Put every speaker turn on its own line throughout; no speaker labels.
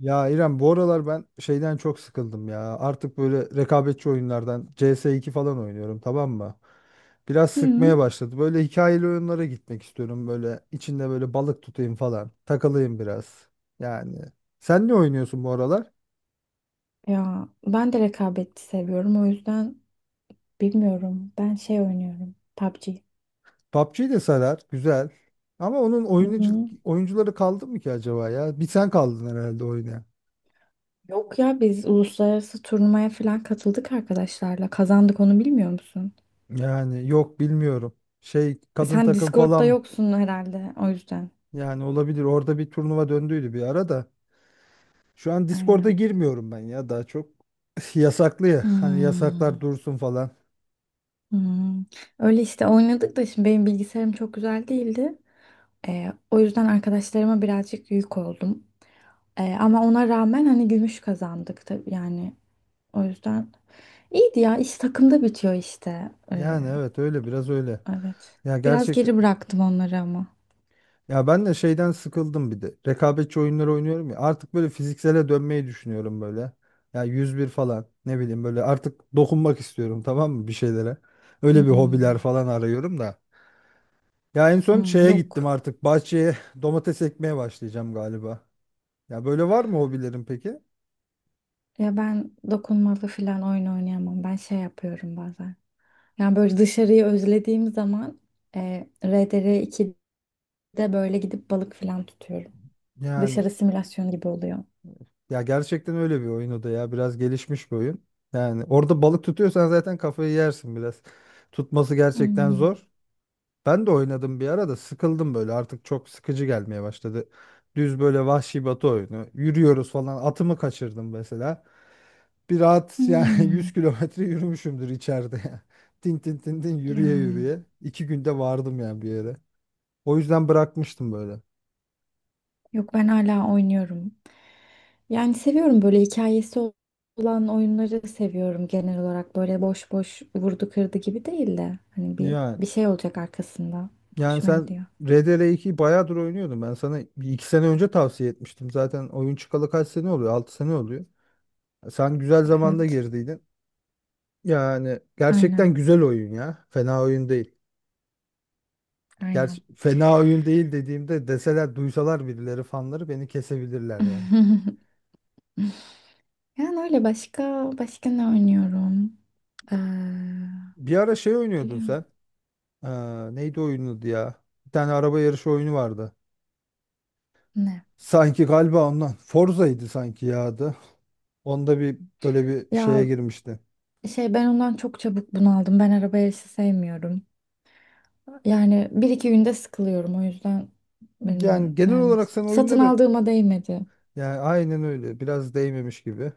Ya İrem, bu aralar ben şeyden çok sıkıldım ya. Artık böyle rekabetçi oyunlardan CS2 falan oynuyorum, tamam mı? Biraz sıkmaya
Hı.
başladı. Böyle hikayeli oyunlara gitmek istiyorum. Böyle içinde böyle balık tutayım falan. Takılayım biraz. Yani sen ne oynuyorsun bu aralar?
Ya ben de rekabeti seviyorum o yüzden bilmiyorum. Ben şey oynuyorum. PUBG.
PUBG de sarar. Güzel. Ama
Hı hı.
oyuncuları kaldı mı ki acaba ya? Bir sen kaldın herhalde oynayan.
Yok ya biz uluslararası turnuvaya falan katıldık arkadaşlarla. Kazandık onu bilmiyor musun?
Yani yok, bilmiyorum. Şey, kadın
Sen
takım
Discord'da
falan,
yoksun herhalde o yüzden.
yani olabilir. Orada bir turnuva döndüydü bir ara da. Şu an Discord'a
Aynen.
girmiyorum ben ya daha çok. Yasaklı ya. Hani yasaklar
Hmm.
dursun falan.
Hmm. Öyle işte oynadık da şimdi benim bilgisayarım çok güzel değildi. O yüzden arkadaşlarıma birazcık yük oldum. Ama ona rağmen hani gümüş kazandık tabii yani. O yüzden iyiydi ya. İş takımda bitiyor işte.
Yani
Ee,
evet, öyle biraz öyle.
evet.
Ya
Biraz
gerçekten,
geri bıraktım onları ama.
ya ben de şeyden sıkıldım bir de. Rekabetçi oyunları oynuyorum ya. Artık böyle fiziksele dönmeyi düşünüyorum böyle. Ya 101 falan, ne bileyim, böyle artık dokunmak istiyorum, tamam mı, bir şeylere. Öyle bir hobiler
Hmm.
falan arıyorum da. Ya en son
Hmm,
şeye
yok.
gittim, artık bahçeye domates ekmeye başlayacağım galiba. Ya, böyle var mı hobilerin peki?
Ya ben dokunmalı falan oyun oynayamam. Ben şey yapıyorum bazen. Yani böyle dışarıyı özlediğim zaman RDR 2'de böyle gidip balık falan tutuyorum.
Yani,
Dışarı simülasyon gibi oluyor.
ya gerçekten öyle bir oyun o da ya. Biraz gelişmiş bir oyun. Yani orada balık tutuyorsan zaten kafayı yersin biraz. Tutması gerçekten
Hmm.
zor. Ben de oynadım bir ara da sıkıldım böyle. Artık çok sıkıcı gelmeye başladı. Düz böyle vahşi batı oyunu. Yürüyoruz falan. Atımı kaçırdım mesela. Bir rahat yani, 100
Hmm.
kilometre yürümüşümdür içeride ya. Tin tin tin tin
Ya.
yürüye yürüye. İki günde vardım yani bir yere. O yüzden bırakmıştım böyle.
Yok ben hala oynuyorum. Yani seviyorum böyle hikayesi olan oyunları seviyorum genel olarak. Böyle boş boş vurdu kırdı gibi değil de hani bir
Yani.
bir şey olacak arkasında.
Yani
Hoşuma
sen
gidiyor.
RDR2'yi bayağıdır oynuyordun. Ben sana bir iki sene önce tavsiye etmiştim. Zaten oyun çıkalı kaç sene oluyor? 6 sene oluyor. Sen güzel zamanda
Evet.
girdiydin. Yani
Aynen.
gerçekten güzel oyun ya. Fena oyun değil. Gerçi
Aynen.
fena oyun değil dediğimde deseler, duysalar birileri, fanları beni kesebilirler yani.
Yani öyle başka başka ne oynuyorum? Ee,
Bir ara şey oynuyordun
biliyorum.
sen. Neydi oyunun adı ya? Bir tane araba yarışı oyunu vardı.
Ne?
Sanki galiba ondan. Forza'ydı sanki ya adı. Onda bir böyle bir şeye
Ya
girmişti.
şey ben ondan çok çabuk bunaldım. Ben araba yarışı sevmiyorum. Yani bir iki günde sıkılıyorum o yüzden
Yani
bilmiyorum.
genel
Yani
olarak sen
satın
oyunları,
aldığıma değmedi.
yani aynen öyle, biraz değmemiş gibi.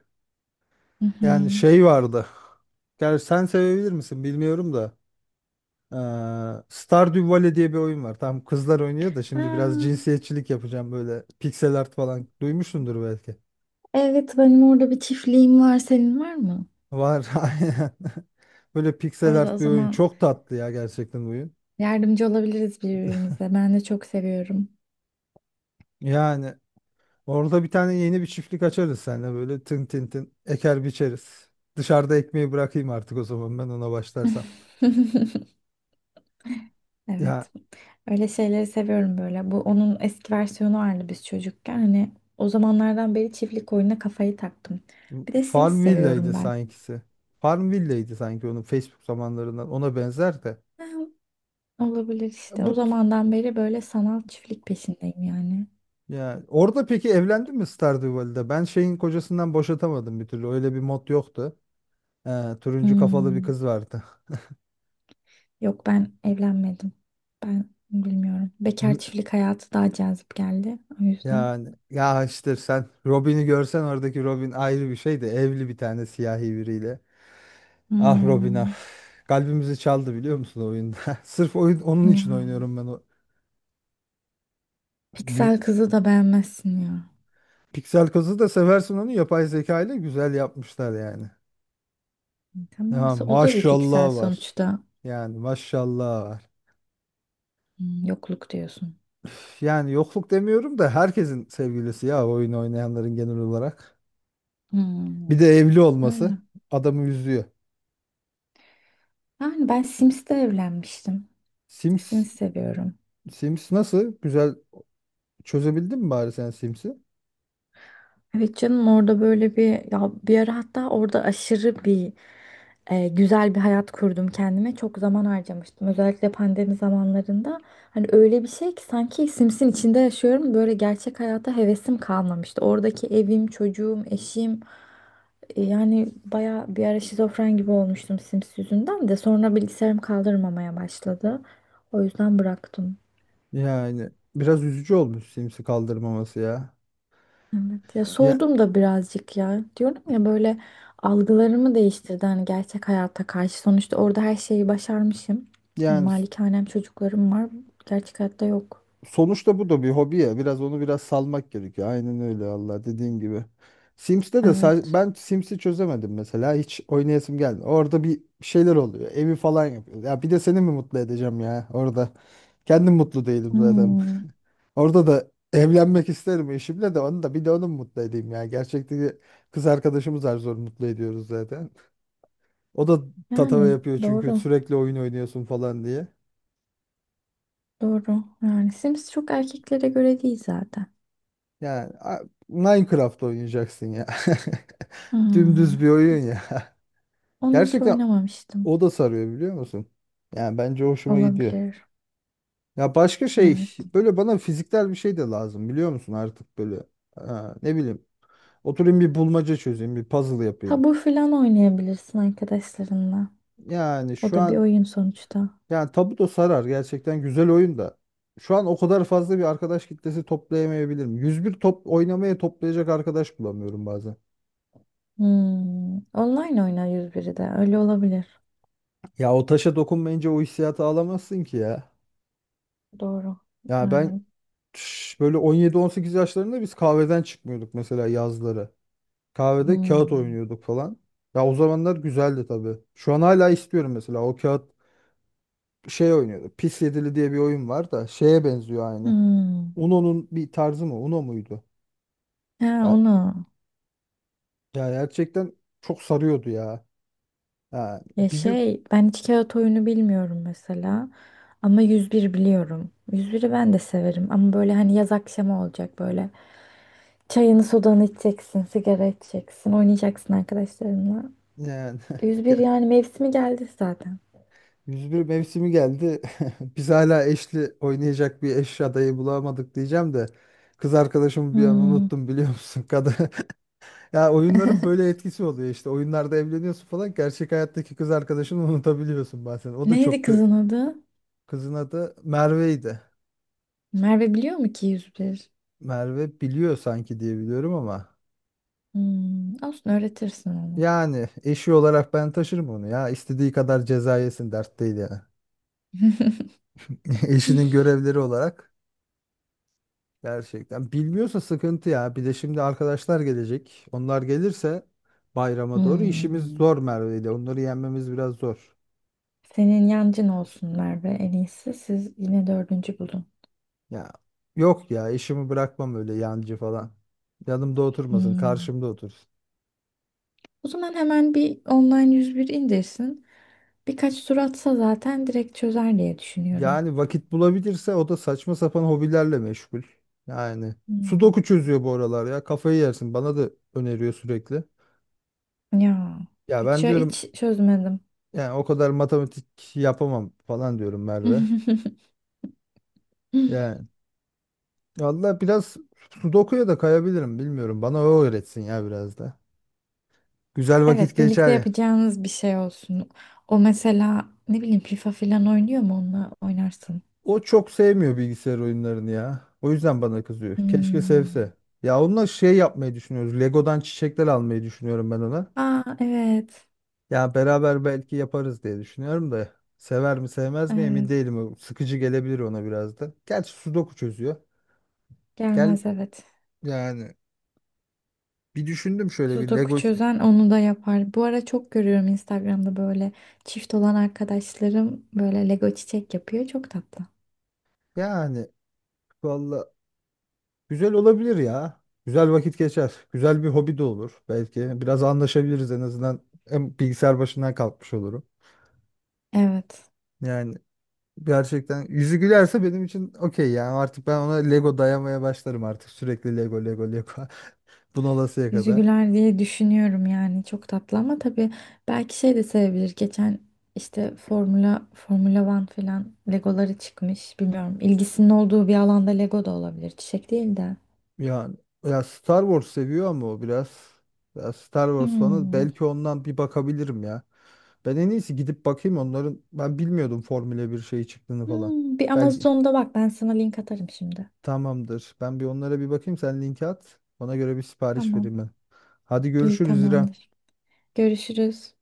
Hı hı.
Yani şey vardı. Gerçi sen sevebilir misin bilmiyorum da. Stardew Valley diye bir oyun var. Tam kızlar oynuyor da, şimdi biraz
Aa,
cinsiyetçilik yapacağım, böyle piksel art falan. Duymuşsundur belki.
evet benim orada bir çiftliğim var. Senin var mı?
Var. Aynen. Böyle piksel
O
art bir oyun.
zaman
Çok tatlı ya gerçekten oyun.
yardımcı olabiliriz birbirimize. Ben de çok seviyorum.
Yani orada bir tane yeni bir çiftlik açarız seninle, böyle tın tın tın eker biçeriz. Dışarıda ekmeği bırakayım artık o zaman, ben ona başlarsam. Ya
Evet. Öyle şeyleri seviyorum böyle. Bu onun eski versiyonu vardı biz çocukken. Hani o zamanlardan beri çiftlik oyununa kafayı taktım. Bir de Sims
Farmville'ydi
seviyorum ben.
sankisi. Farmville'ydi sanki onun, Facebook zamanlarından. Ona benzer de.
Ha, olabilir işte. O
Bu t-
zamandan beri böyle sanal çiftlik peşindeyim yani.
ya orada peki evlendin mi Stardew Valley'de? Ben şeyin kocasından boşatamadım bir türlü. Öyle bir mod yoktu. Turuncu kafalı bir
Hmm.
kız vardı.
Yok ben evlenmedim. Ben bilmiyorum. Bekar
M-
çiftlik hayatı daha cazip geldi. O yüzden.
Yani ya, işte sen Robin'i görsen, oradaki Robin ayrı bir şeydi. Evli bir tane siyahi biriyle. Ah Robin ah.
Hmm.
Kalbimizi çaldı, biliyor musun, o oyunda? Sırf oyun onun
Ya.
için oynuyorum ben o.
Piksel kızı da beğenmezsin ya.
Piksel kazı da seversin, onu yapay zeka ile güzel yapmışlar yani.
Tamam.
Ya
O da bir piksel
maşallah var.
sonuçta.
Yani maşallah var.
Hmm, yokluk diyorsun.
Üf, yani yokluk demiyorum da, herkesin sevgilisi ya, oyun oynayanların genel olarak.
Hmm.
Bir de evli olması
Öyle.
adamı üzüyor.
Yani ben Sims'te evlenmiştim.
Sims.
Sims seviyorum.
Sims nasıl? Güzel, çözebildin mi bari sen Sims'i?
Evet canım orada böyle bir ya bir ara hatta orada aşırı bir güzel bir hayat kurdum kendime. Çok zaman harcamıştım. Özellikle pandemi zamanlarında. Hani öyle bir şey ki sanki Sims'in içinde yaşıyorum. Böyle gerçek hayata hevesim kalmamıştı. Oradaki evim, çocuğum, eşim yani baya bir ara şizofren gibi olmuştum Sims yüzünden de sonra bilgisayarım kaldırmamaya başladı. O yüzden bıraktım.
Yani biraz üzücü olmuş Sims'i kaldırmaması ya.
Evet ya
Ya
soğudum da birazcık ya. Diyorum ya böyle algılarımı değiştirdi hani gerçek hayata karşı. Sonuçta orada her şeyi başarmışım. Hani
yani
malikanem çocuklarım var. Gerçek hayatta yok.
sonuçta bu da bir hobi ya. Biraz onu biraz salmak gerekiyor. Aynen öyle Allah, dediğin gibi.
Evet.
Ben Sims'i çözemedim mesela. Hiç oynayasım geldi. Orada bir şeyler oluyor. Evi falan yapıyoruz. Ya bir de seni mi mutlu edeceğim ya orada? Kendim mutlu değilim zaten.
Hmm,
Orada da evlenmek isterim eşimle, de onu da, bir de onu mu mutlu edeyim ya. Gerçekten kız arkadaşımız zar zor mutlu ediyoruz zaten. O da tatava
yani
yapıyor çünkü,
doğru.
sürekli oyun oynuyorsun falan diye.
Doğru. Yani Sims çok erkeklere göre değil zaten.
Yani a- Minecraft oynayacaksın ya.
Hmm,
Dümdüz bir oyun ya.
onu hiç
Gerçekten
oynamamıştım.
o da sarıyor, biliyor musun? Yani bence hoşuma gidiyor.
Olabilir.
Ya başka şey,
Evet.
böyle bana fiziksel bir şey de lazım, biliyor musun, artık böyle. Ha, ne bileyim, oturayım bir bulmaca çözeyim, bir puzzle yapayım.
Tabu filan oynayabilirsin arkadaşlarınla.
Yani
O
şu
da bir
an,
oyun sonuçta.
yani Tabuto sarar gerçekten, güzel oyun da. Şu an o kadar fazla bir arkadaş kitlesi toplayamayabilirim. 101 top oynamaya toplayacak arkadaş bulamıyorum bazen.
Hmm, online oynar 101'i de. Öyle olabilir.
Ya o taşa dokunmayınca o hissiyatı alamazsın ki ya.
Doğru.
Ya ben
Yani.
böyle 17-18 yaşlarında biz kahveden çıkmıyorduk mesela yazları. Kahvede kağıt
Hmm.
oynuyorduk falan. Ya o zamanlar güzeldi tabii. Şu an hala istiyorum mesela o kağıt şey oynuyordu. Pis Yedili diye bir oyun var da şeye benziyor aynı.
Hmm.
Uno'nun bir tarzı mı? Uno muydu?
Ha,
Ya
onu.
ya gerçekten çok sarıyordu ya. Ha,
Ya
bir gün
şey ben hiç kağıt oyunu bilmiyorum mesela. Ama 101 biliyorum. 101'i ben de severim. Ama böyle hani yaz akşamı olacak böyle. Çayını sodanı içeceksin. Sigara içeceksin. Oynayacaksın arkadaşlarınla.
yani.
101 yani mevsimi geldi zaten.
101 mevsimi geldi. Biz hala eşli oynayacak bir eş adayı bulamadık diyeceğim de, kız arkadaşımı bir an
Hmm.
unuttum, biliyor musun? Kadın. Ya oyunların böyle etkisi oluyor işte. Oyunlarda evleniyorsun falan. Gerçek hayattaki kız arkadaşını unutabiliyorsun bazen. O da
Neydi
çok
kızın adı?
kızın adı Merve'ydi.
Merve biliyor mu ki 101?
Merve biliyor sanki diye biliyorum ama,
Hmm. Olsun öğretirsin onu.
yani eşi olarak ben taşırım onu ya. İstediği kadar ceza yesin, dert değil yani. Eşinin görevleri olarak. Gerçekten. Bilmiyorsa sıkıntı ya. Bir de şimdi arkadaşlar gelecek. Onlar gelirse bayrama doğru işimiz
Hmm.
zor Merve ile. Onları yenmemiz biraz zor.
Senin yancın olsunlar ve en iyisi siz yine dördüncü bulun.
Ya yok ya, işimi bırakmam öyle yancı falan. Yanımda oturmasın,
Hmm.
karşımda otursun.
O zaman hemen bir online 101 indirsin. Birkaç tur atsa zaten direkt çözer diye düşünüyorum.
Yani vakit bulabilirse, o da saçma sapan hobilerle meşgul. Yani sudoku
Hmm.
çözüyor bu aralar ya. Kafayı yersin. Bana da öneriyor sürekli.
Ya
Ya
hiç,
ben diyorum
hiç çözmedim.
yani, o kadar matematik yapamam falan diyorum Merve. Yani valla biraz Sudoku'ya da kayabilirim, bilmiyorum. Bana o öğretsin ya biraz da. Güzel vakit
Evet
geçer
birlikte
ya.
yapacağınız bir şey olsun. O mesela ne bileyim FIFA falan oynuyor mu onunla oynarsın.
O çok sevmiyor bilgisayar oyunlarını ya. O yüzden bana kızıyor. Keşke sevse.
Hmm.
Ya onunla şey yapmayı düşünüyoruz. Lego'dan çiçekler almayı düşünüyorum ben ona.
Aa evet.
Ya beraber belki yaparız diye düşünüyorum da. Sever mi sevmez mi emin
Evet.
değilim. O sıkıcı gelebilir ona biraz da. Gerçi Sudoku çözüyor. Gel
Gelmez evet.
yani bir düşündüm şöyle bir
Sudoku
Lego.
çözen onu da yapar. Bu ara çok görüyorum Instagram'da böyle çift olan arkadaşlarım böyle Lego çiçek yapıyor. Çok tatlı.
Yani valla güzel olabilir ya. Güzel vakit geçer. Güzel bir hobi de olur. Belki biraz anlaşabiliriz en azından. Hem bilgisayar başından kalkmış olurum.
Evet.
Yani gerçekten yüzü gülerse benim için okey yani, artık ben ona Lego dayamaya başlarım artık. Sürekli Lego Lego Lego. Bunalasıya
Yüzü
kadar.
güler diye düşünüyorum yani. Çok tatlı ama tabii belki şey de sevebilir. Geçen işte Formula One falan Legoları çıkmış. Bilmiyorum. İlgisinin olduğu bir alanda Lego da olabilir. Çiçek değil de.
Yani ya Star Wars seviyor ama o biraz. Ya Star Wars fanı,
Hmm.
belki ondan bir bakabilirim ya. Ben en iyisi gidip bakayım onların. Ben bilmiyordum Formula bir şey çıktığını falan.
Hmm. Bir
Belki.
Amazon'da bak ben sana link atarım şimdi.
Tamamdır. Ben bir onlara bir bakayım. Sen linki at. Ona göre bir sipariş vereyim
Tamam.
ben. Hadi
İyi
görüşürüz İrem.
tamamdır. Görüşürüz.